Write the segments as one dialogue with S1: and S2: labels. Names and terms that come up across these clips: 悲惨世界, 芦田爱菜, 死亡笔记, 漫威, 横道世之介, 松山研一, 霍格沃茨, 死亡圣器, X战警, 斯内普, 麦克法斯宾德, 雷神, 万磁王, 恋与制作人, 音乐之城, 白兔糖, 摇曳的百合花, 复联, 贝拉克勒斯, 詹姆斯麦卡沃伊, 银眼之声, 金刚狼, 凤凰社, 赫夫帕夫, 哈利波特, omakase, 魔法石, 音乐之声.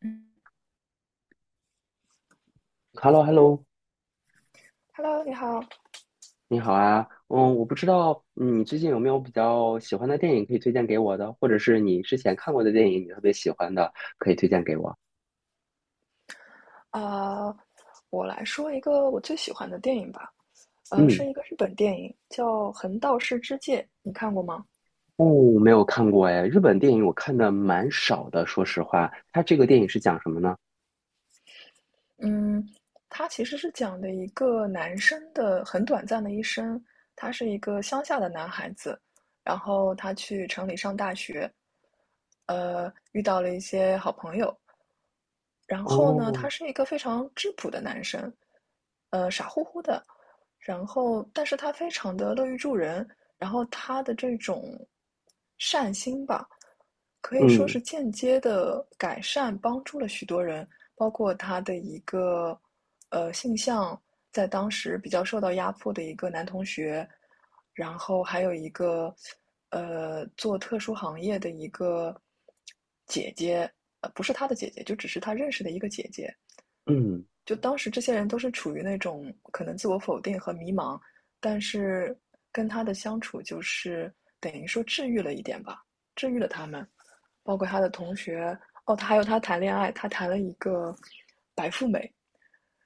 S1: 嗯
S2: h e l l o h e l l o
S1: Hello，你好。
S2: 你好啊，我不知道，你最近有没有比较喜欢的电影可以推荐给我的，或者是你之前看过的电影你特别喜欢的，可以推荐给我。
S1: 啊、我来说一个我最喜欢的电影吧。
S2: 嗯。
S1: 是一个日本电影，叫《横道世之介》，你看过吗？
S2: 哦，没有看过哎，日本电影我看的蛮少的，说实话。它这个电影是讲什么呢？
S1: 嗯，它其实是讲的一个男生的很短暂的一生。他是一个乡下的男孩子，然后他去城里上大学，遇到了一些好朋友，然后呢，
S2: 哦，
S1: 他是一个非常质朴的男生，傻乎乎的，然后但是他非常的乐于助人，然后他的这种善心吧，可以说
S2: 嗯
S1: 是间接的改善帮助了许多人，包括他的一个性向，在当时比较受到压迫的一个男同学，然后还有一个做特殊行业的一个姐姐，不是她的姐姐，就只是她认识的一个姐姐。
S2: 嗯。
S1: 就当时这些人都是处于那种可能自我否定和迷茫，但是跟她的相处就是等于说治愈了一点吧，治愈了他们，包括她的同学，哦，她还有她谈恋爱，她谈了一个白富美，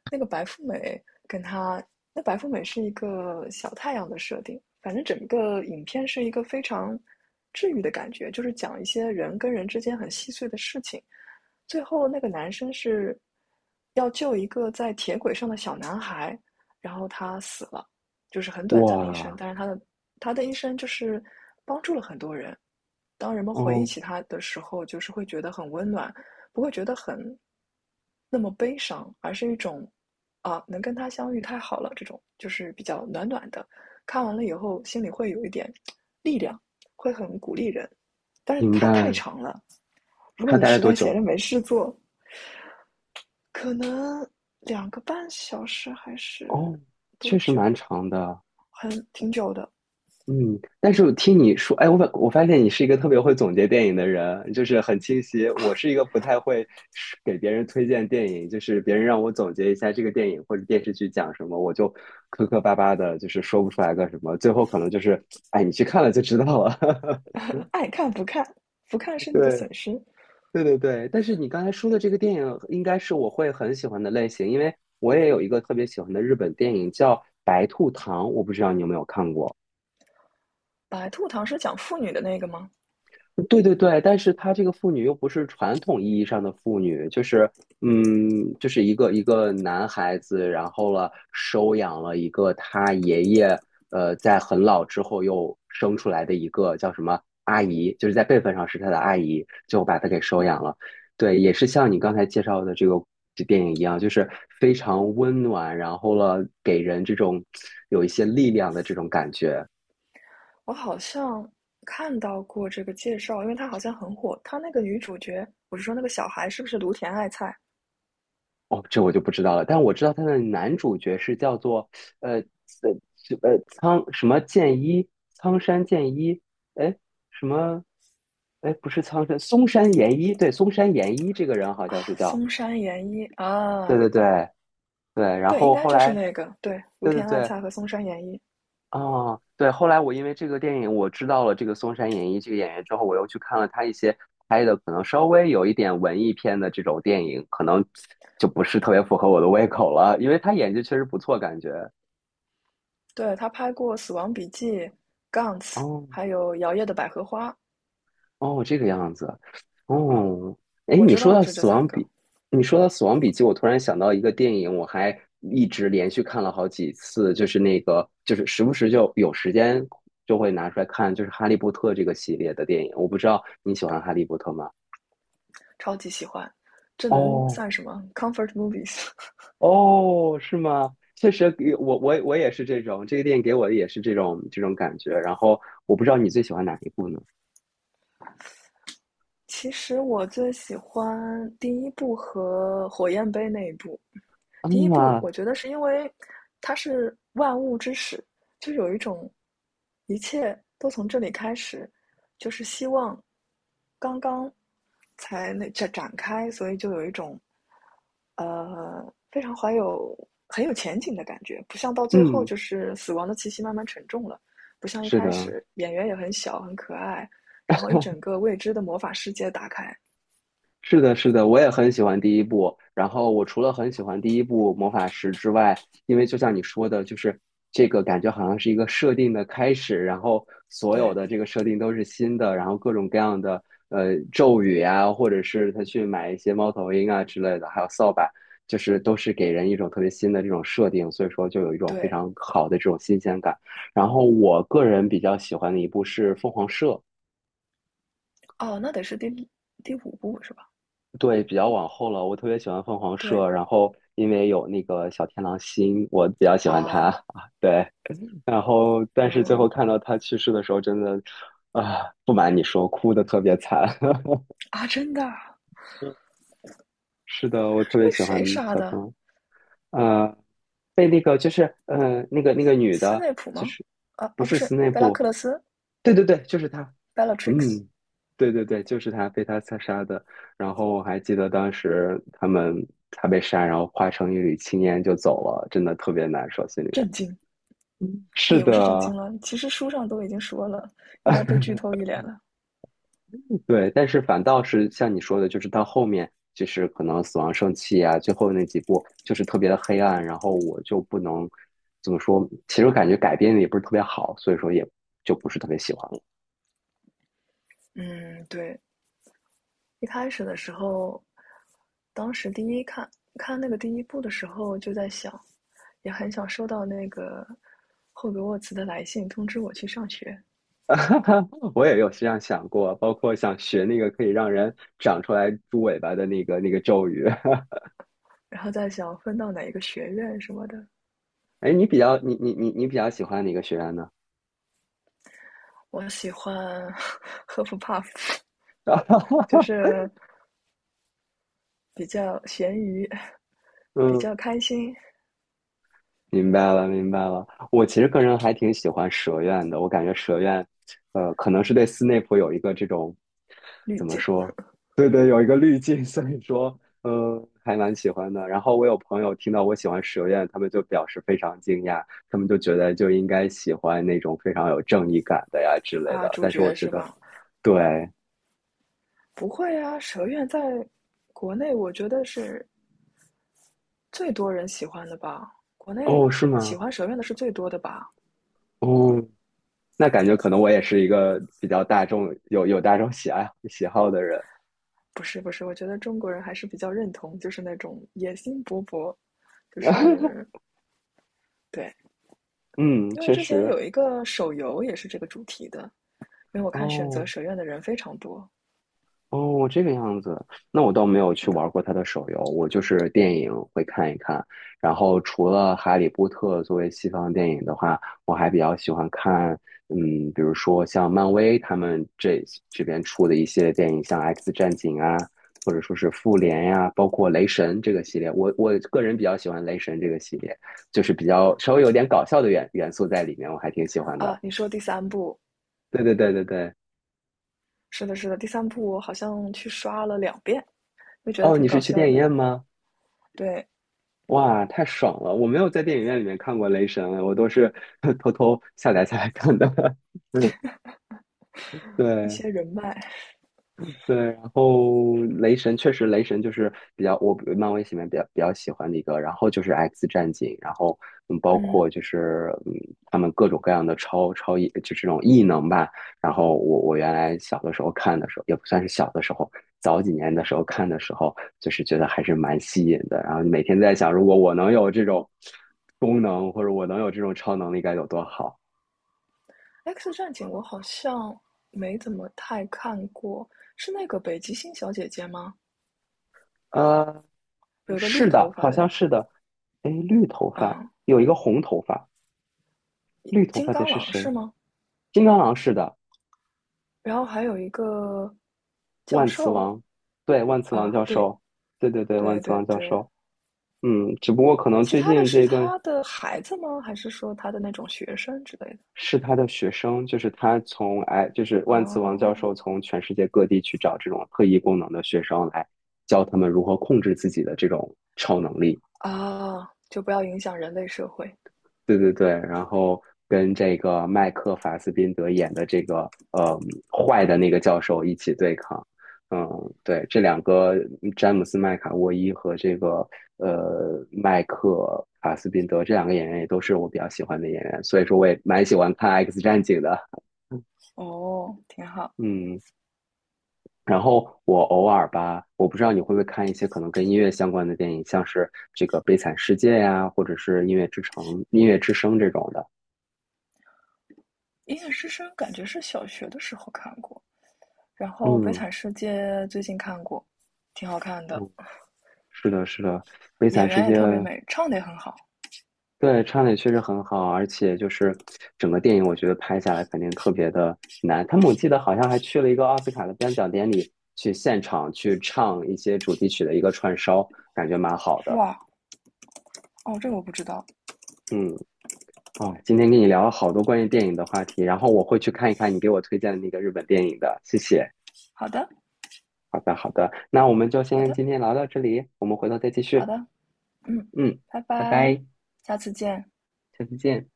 S1: 那个白富美跟她，那白富美是一个小太阳的设定，反正整个影片是一个非常治愈的感觉，就是讲一些人跟人之间很细碎的事情。最后那个男生是要救一个在铁轨上的小男孩，然后他死了，就是很短暂的一生，
S2: 哇。
S1: 但是他的一生就是当人们回忆
S2: 哦，
S1: 起它的时候，就是会觉得很温暖，不会觉得很那么悲伤，而是一种啊，能跟他相遇太好了，这种就是比较暖暖的。看完了以后，心里会有一点力量，会很鼓励人。但是
S2: 明
S1: 它太
S2: 白。
S1: 长了，如果
S2: 它
S1: 你
S2: 大概
S1: 实
S2: 多
S1: 在闲
S2: 久？
S1: 着没事做，可能2个半小时还是
S2: 哦，
S1: 多
S2: 确实
S1: 久，
S2: 蛮长的。
S1: 很挺久的。
S2: 嗯，但是我听你说，哎，我发现你是一个特别会总结电影的人，就是很清晰。我是一个不太会是给别人推荐电影，就是别人让我总结一下这个电影或者电视剧讲什么，我就磕磕巴巴的，就是说不出来个什么，最后可能就是，哎，你去看了就知道了。
S1: 爱看不看，不看是你的
S2: 对
S1: 损失。
S2: 对对对，但是你刚才说的这个电影应该是我会很喜欢的类型，因为我也有一个特别喜欢的日本电影叫《白兔糖》，我不知道你有没有看过。
S1: 白兔糖是讲妇女的那个吗？
S2: 对对对，但是她这个妇女又不是传统意义上的妇女，就是，嗯，就是一个男孩子，然后了收养了一个他爷爷，在很老之后又生出来的一个叫什么阿姨，就是在辈分上是他的阿姨，就把他给收养了。
S1: 嗯，
S2: 对，也是像你刚才介绍的这个这电影一样，就是非常温暖，然后了给人这种有一些力量的这种感觉。
S1: 我好像看到过这个介绍，因为它好像很火。它那个女主角，我是说那个小孩，是不是芦田爱菜、
S2: 哦，这我就不知道了，但我知道他的男主角是叫做呃呃苍什么剑一，苍山剑一，哎什么，哎不是苍山，松山研一，对，松山研一这个人好像是叫，
S1: 松山研一
S2: 对
S1: 啊？
S2: 对对对，然
S1: 对，应
S2: 后
S1: 该
S2: 后
S1: 就是
S2: 来，
S1: 那个，对，芦
S2: 对对
S1: 田爱
S2: 对。
S1: 菜和松山研一。
S2: 哦，对，后来我因为这个电影，我知道了这个松山演一这个演员之后，我又去看了他一些拍的可能稍微有一点文艺片的这种电影，可能就不是特别符合我的胃口了，因为他演技确实不错，感觉。
S1: 对，她拍过《死亡笔记》、Guns，
S2: 哦。
S1: 还有《摇曳的百合花》
S2: 哦，这个样子。
S1: 啊，
S2: 哦，哎，
S1: 我
S2: 你
S1: 知
S2: 说
S1: 道的
S2: 到
S1: 是这
S2: 《死
S1: 三
S2: 亡笔》，
S1: 个，
S2: 你说到《死亡笔记》，我突然想到一个电影，我还一直连续看了好几次，就是那个，就是时不时就有时间就会拿出来看，就是《哈利波特》这个系列的电影。我不知道你喜欢《哈利波特》吗？
S1: 超级喜欢。这能
S2: 哦。
S1: 算什么？Comfort movies。
S2: 哦，是吗？确实给我我也是这种，这个电影给我的也是这种感觉。然后我不知道你最喜欢哪一部呢？
S1: 其实我最喜欢第一部和火焰杯那一部。第一部
S2: 啊。
S1: 我觉得是因为它是万物之始，就有一种一切都从这里开始，就是希望刚刚才那展开，所以就有一种呃非常怀有很有前景的感觉，不像到最后
S2: 嗯。
S1: 就是死亡的气息慢慢沉重了，不像一
S2: 是
S1: 开
S2: 的，
S1: 始演员也很小很可爱，然后一整个未知的魔法世界打开。
S2: 是的，是的，我也很喜欢第一部。然后我除了很喜欢第一部《魔法石》之外，因为就像你说的，就是这个感觉好像是一个设定的开始，然后所有
S1: 对
S2: 的这个设定都是新的，然后各种各样的咒语啊，或者是他去买一些猫头鹰啊之类的，还有扫把，就是都是给人一种特别新的这种设定，所以说就有一种非
S1: 对，
S2: 常好的这种新鲜感。然后我个人比较喜欢的一部是《凤凰社》。
S1: 哦，那得是第五部是吧？
S2: 对，比较往后了。我特别喜欢凤凰
S1: 对
S2: 社，然后因为有那个小天狼星，我比较喜欢他
S1: 啊，
S2: 啊对，然后但是最后
S1: 嗯
S2: 看到他去世的时候，真的，啊，不瞒你说，哭的特别惨。
S1: 啊，真的啊
S2: 是的，我特
S1: 是
S2: 别
S1: 被
S2: 喜欢
S1: 谁杀
S2: 小天
S1: 的？
S2: 狼，呃，被那个就是那个女
S1: 斯
S2: 的，
S1: 内普
S2: 就
S1: 吗？
S2: 是，
S1: 啊
S2: 不
S1: 啊，不
S2: 是
S1: 是，
S2: 斯内
S1: 贝拉
S2: 普，
S1: 克勒斯
S2: 对对对，就是她。
S1: （Bellatrix）。
S2: 嗯，对对对，就是他被他刺杀的。然后我还记得当时他们他被杀，然后化成一缕青烟就走了，真的特别难受，心里面。
S1: 震惊
S2: 嗯
S1: 啊，
S2: 是
S1: 也不是震惊
S2: 的。
S1: 了，其实书上都已经说了，应该被剧透 一脸了。
S2: 对，但是反倒是像你说的，就是到后面，就是可能死亡圣器啊，最后那几部就是特别的黑暗，然后我就不能怎么说，其实我感觉改编的也不是特别好，所以说也就不是特别喜欢。
S1: 嗯，对，一开始的时候，当时第一看那个第一部的时候，就在想，也很想收到那个霍格沃茨的来信通知我去上学，
S2: 我也有这样想过，包括想学那个可以让人长出来猪尾巴的那个咒语。
S1: 然后在想分到哪一个学院什么的。
S2: 哎，你比较喜欢哪个学员呢？
S1: 我喜欢 赫夫帕夫，就 是比较咸鱼，比
S2: 嗯
S1: 较开心
S2: 明白了，明白了。我其实个人还挺喜欢蛇院的，我感觉蛇院，可能是对斯内普有一个这种，
S1: 滤
S2: 怎么
S1: 镜
S2: 说？对对，有一个滤镜，所以说，嗯、还蛮喜欢的。然后我有朋友听到我喜欢蛇院，他们就表示非常惊讶，他们就觉得就应该喜欢那种非常有正义感的呀之类
S1: 啊，
S2: 的。
S1: 主
S2: 但是我
S1: 角
S2: 觉
S1: 是
S2: 得，
S1: 吧？
S2: 对。
S1: 不会啊，蛇院在国内我觉得是最多人喜欢的吧，国内
S2: 哦，是
S1: 喜
S2: 吗？
S1: 欢蛇院的是最多的吧。
S2: 哦，那感觉可能我也是一个比较大众，有大众喜爱喜好的人。
S1: 不是不是，我觉得中国人还是比较认同，就是那种野心勃勃，就 是对，
S2: 嗯，
S1: 因为
S2: 确
S1: 之前
S2: 实。
S1: 有一个手游也是这个主题的，因为我看选择
S2: 哦。
S1: 蛇院的人非常多。
S2: 哦，这个样子，那我倒没有
S1: 是
S2: 去
S1: 的
S2: 玩过他的手游，我就是电影会看一看。然后除了《哈利波特》作为西方电影的话，我还比较喜欢看，嗯，比如说像漫威他们这边出的一些电影，像《X 战警》啊，或者说是《复联》呀，包括《雷神》这个系列。我个人比较喜欢《雷神》这个系列，就是比较稍微有点搞笑的元素在里面，我还挺喜欢的。
S1: 啊，你说第三部，
S2: 对对对对对。
S1: 是的，是的，第三部我好像去刷了2遍，就觉得
S2: 哦，你
S1: 挺
S2: 是
S1: 搞
S2: 去
S1: 笑
S2: 电影
S1: 的。
S2: 院吗？
S1: 对，
S2: 哇，太爽了！我没有在电影院里面看过《雷神》，我都是 偷偷下载下来看的。嗯，
S1: 一
S2: 对。
S1: 些人脉，
S2: 对，然后雷神确实，雷神就是比较我漫威里面比较喜欢的一个，然后就是 X 战警，然后嗯，包
S1: 嗯
S2: 括就是，嗯，他们各种各样的超异，就这种异能吧。然后我原来小的时候看的时候，也不算是小的时候，早几年的时候看的时候，就是觉得还是蛮吸引的。然后每天在想，如果我能有这种功能，或者我能有这种超能力该有多好。
S1: ，X 战警我好像没怎么太看过，是那个北极星小姐姐吗？
S2: 呃，
S1: 有一个绿
S2: 是
S1: 头
S2: 的，
S1: 发
S2: 好
S1: 的，
S2: 像是的。哎，绿头发
S1: 嗯，
S2: 有一个红头发，绿头
S1: 金
S2: 发的
S1: 刚
S2: 是
S1: 狼是
S2: 谁？
S1: 吗？
S2: 金刚狼是的，
S1: 然后还有一个教
S2: 万磁
S1: 授
S2: 王，对，万磁王
S1: 啊，
S2: 教
S1: 对
S2: 授，对对对，
S1: 对
S2: 万磁
S1: 对
S2: 王教
S1: 对，
S2: 授。嗯，只不过可能
S1: 其
S2: 最
S1: 他的
S2: 近这
S1: 是
S2: 一段
S1: 他的孩子吗？还是说他的那种学生之类的？
S2: 是他的学生，就是他从哎，就是万磁王
S1: 哦
S2: 教授从全世界各地去找这种特异功能的学生来教他们如何控制自己的这种超能力。
S1: 啊，就不要影响人类社会。
S2: 对对对，然后跟这个麦克法斯宾德演的这个坏的那个教授一起对抗。嗯，对，这两个詹姆斯麦卡沃伊和这个麦克法斯宾德这两个演员也都是我比较喜欢的演员，所以说我也蛮喜欢看《X 战警》的。
S1: 哦，挺好。
S2: 嗯，然后我偶尔吧，我不知道你会不会看一些可能跟音乐相关的电影，像是这个《悲惨世界》呀，或者是《音乐之城》《音乐之声》这种的。
S1: 《银眼之声》感觉是小学的时候看过，然后《悲
S2: 嗯。
S1: 惨世界》最近看过，挺好看的，
S2: 是的，是的，《悲
S1: 演
S2: 惨世
S1: 员也
S2: 界》
S1: 特别美，唱的也很好。
S2: 对唱的也确实很好，而且就是整个电影，我觉得拍下来肯定特别的难。他们我记得好像还去了一个奥斯卡的颁奖典礼，去现场去唱一些主题曲的一个串烧，感觉蛮好的。
S1: 哇，哦，这个我不知道。
S2: 嗯。啊，今天跟你聊了好多关于电影的话题，然后我会去看一看你给我推荐的那个日本电影的，谢谢。
S1: 好的，
S2: 好的，好的，那我们就
S1: 好
S2: 先
S1: 的，
S2: 今天聊到这里，我们回头再继
S1: 好
S2: 续。
S1: 的，嗯，
S2: 嗯，
S1: 拜
S2: 拜
S1: 拜，
S2: 拜，
S1: 下次见。
S2: 下次见。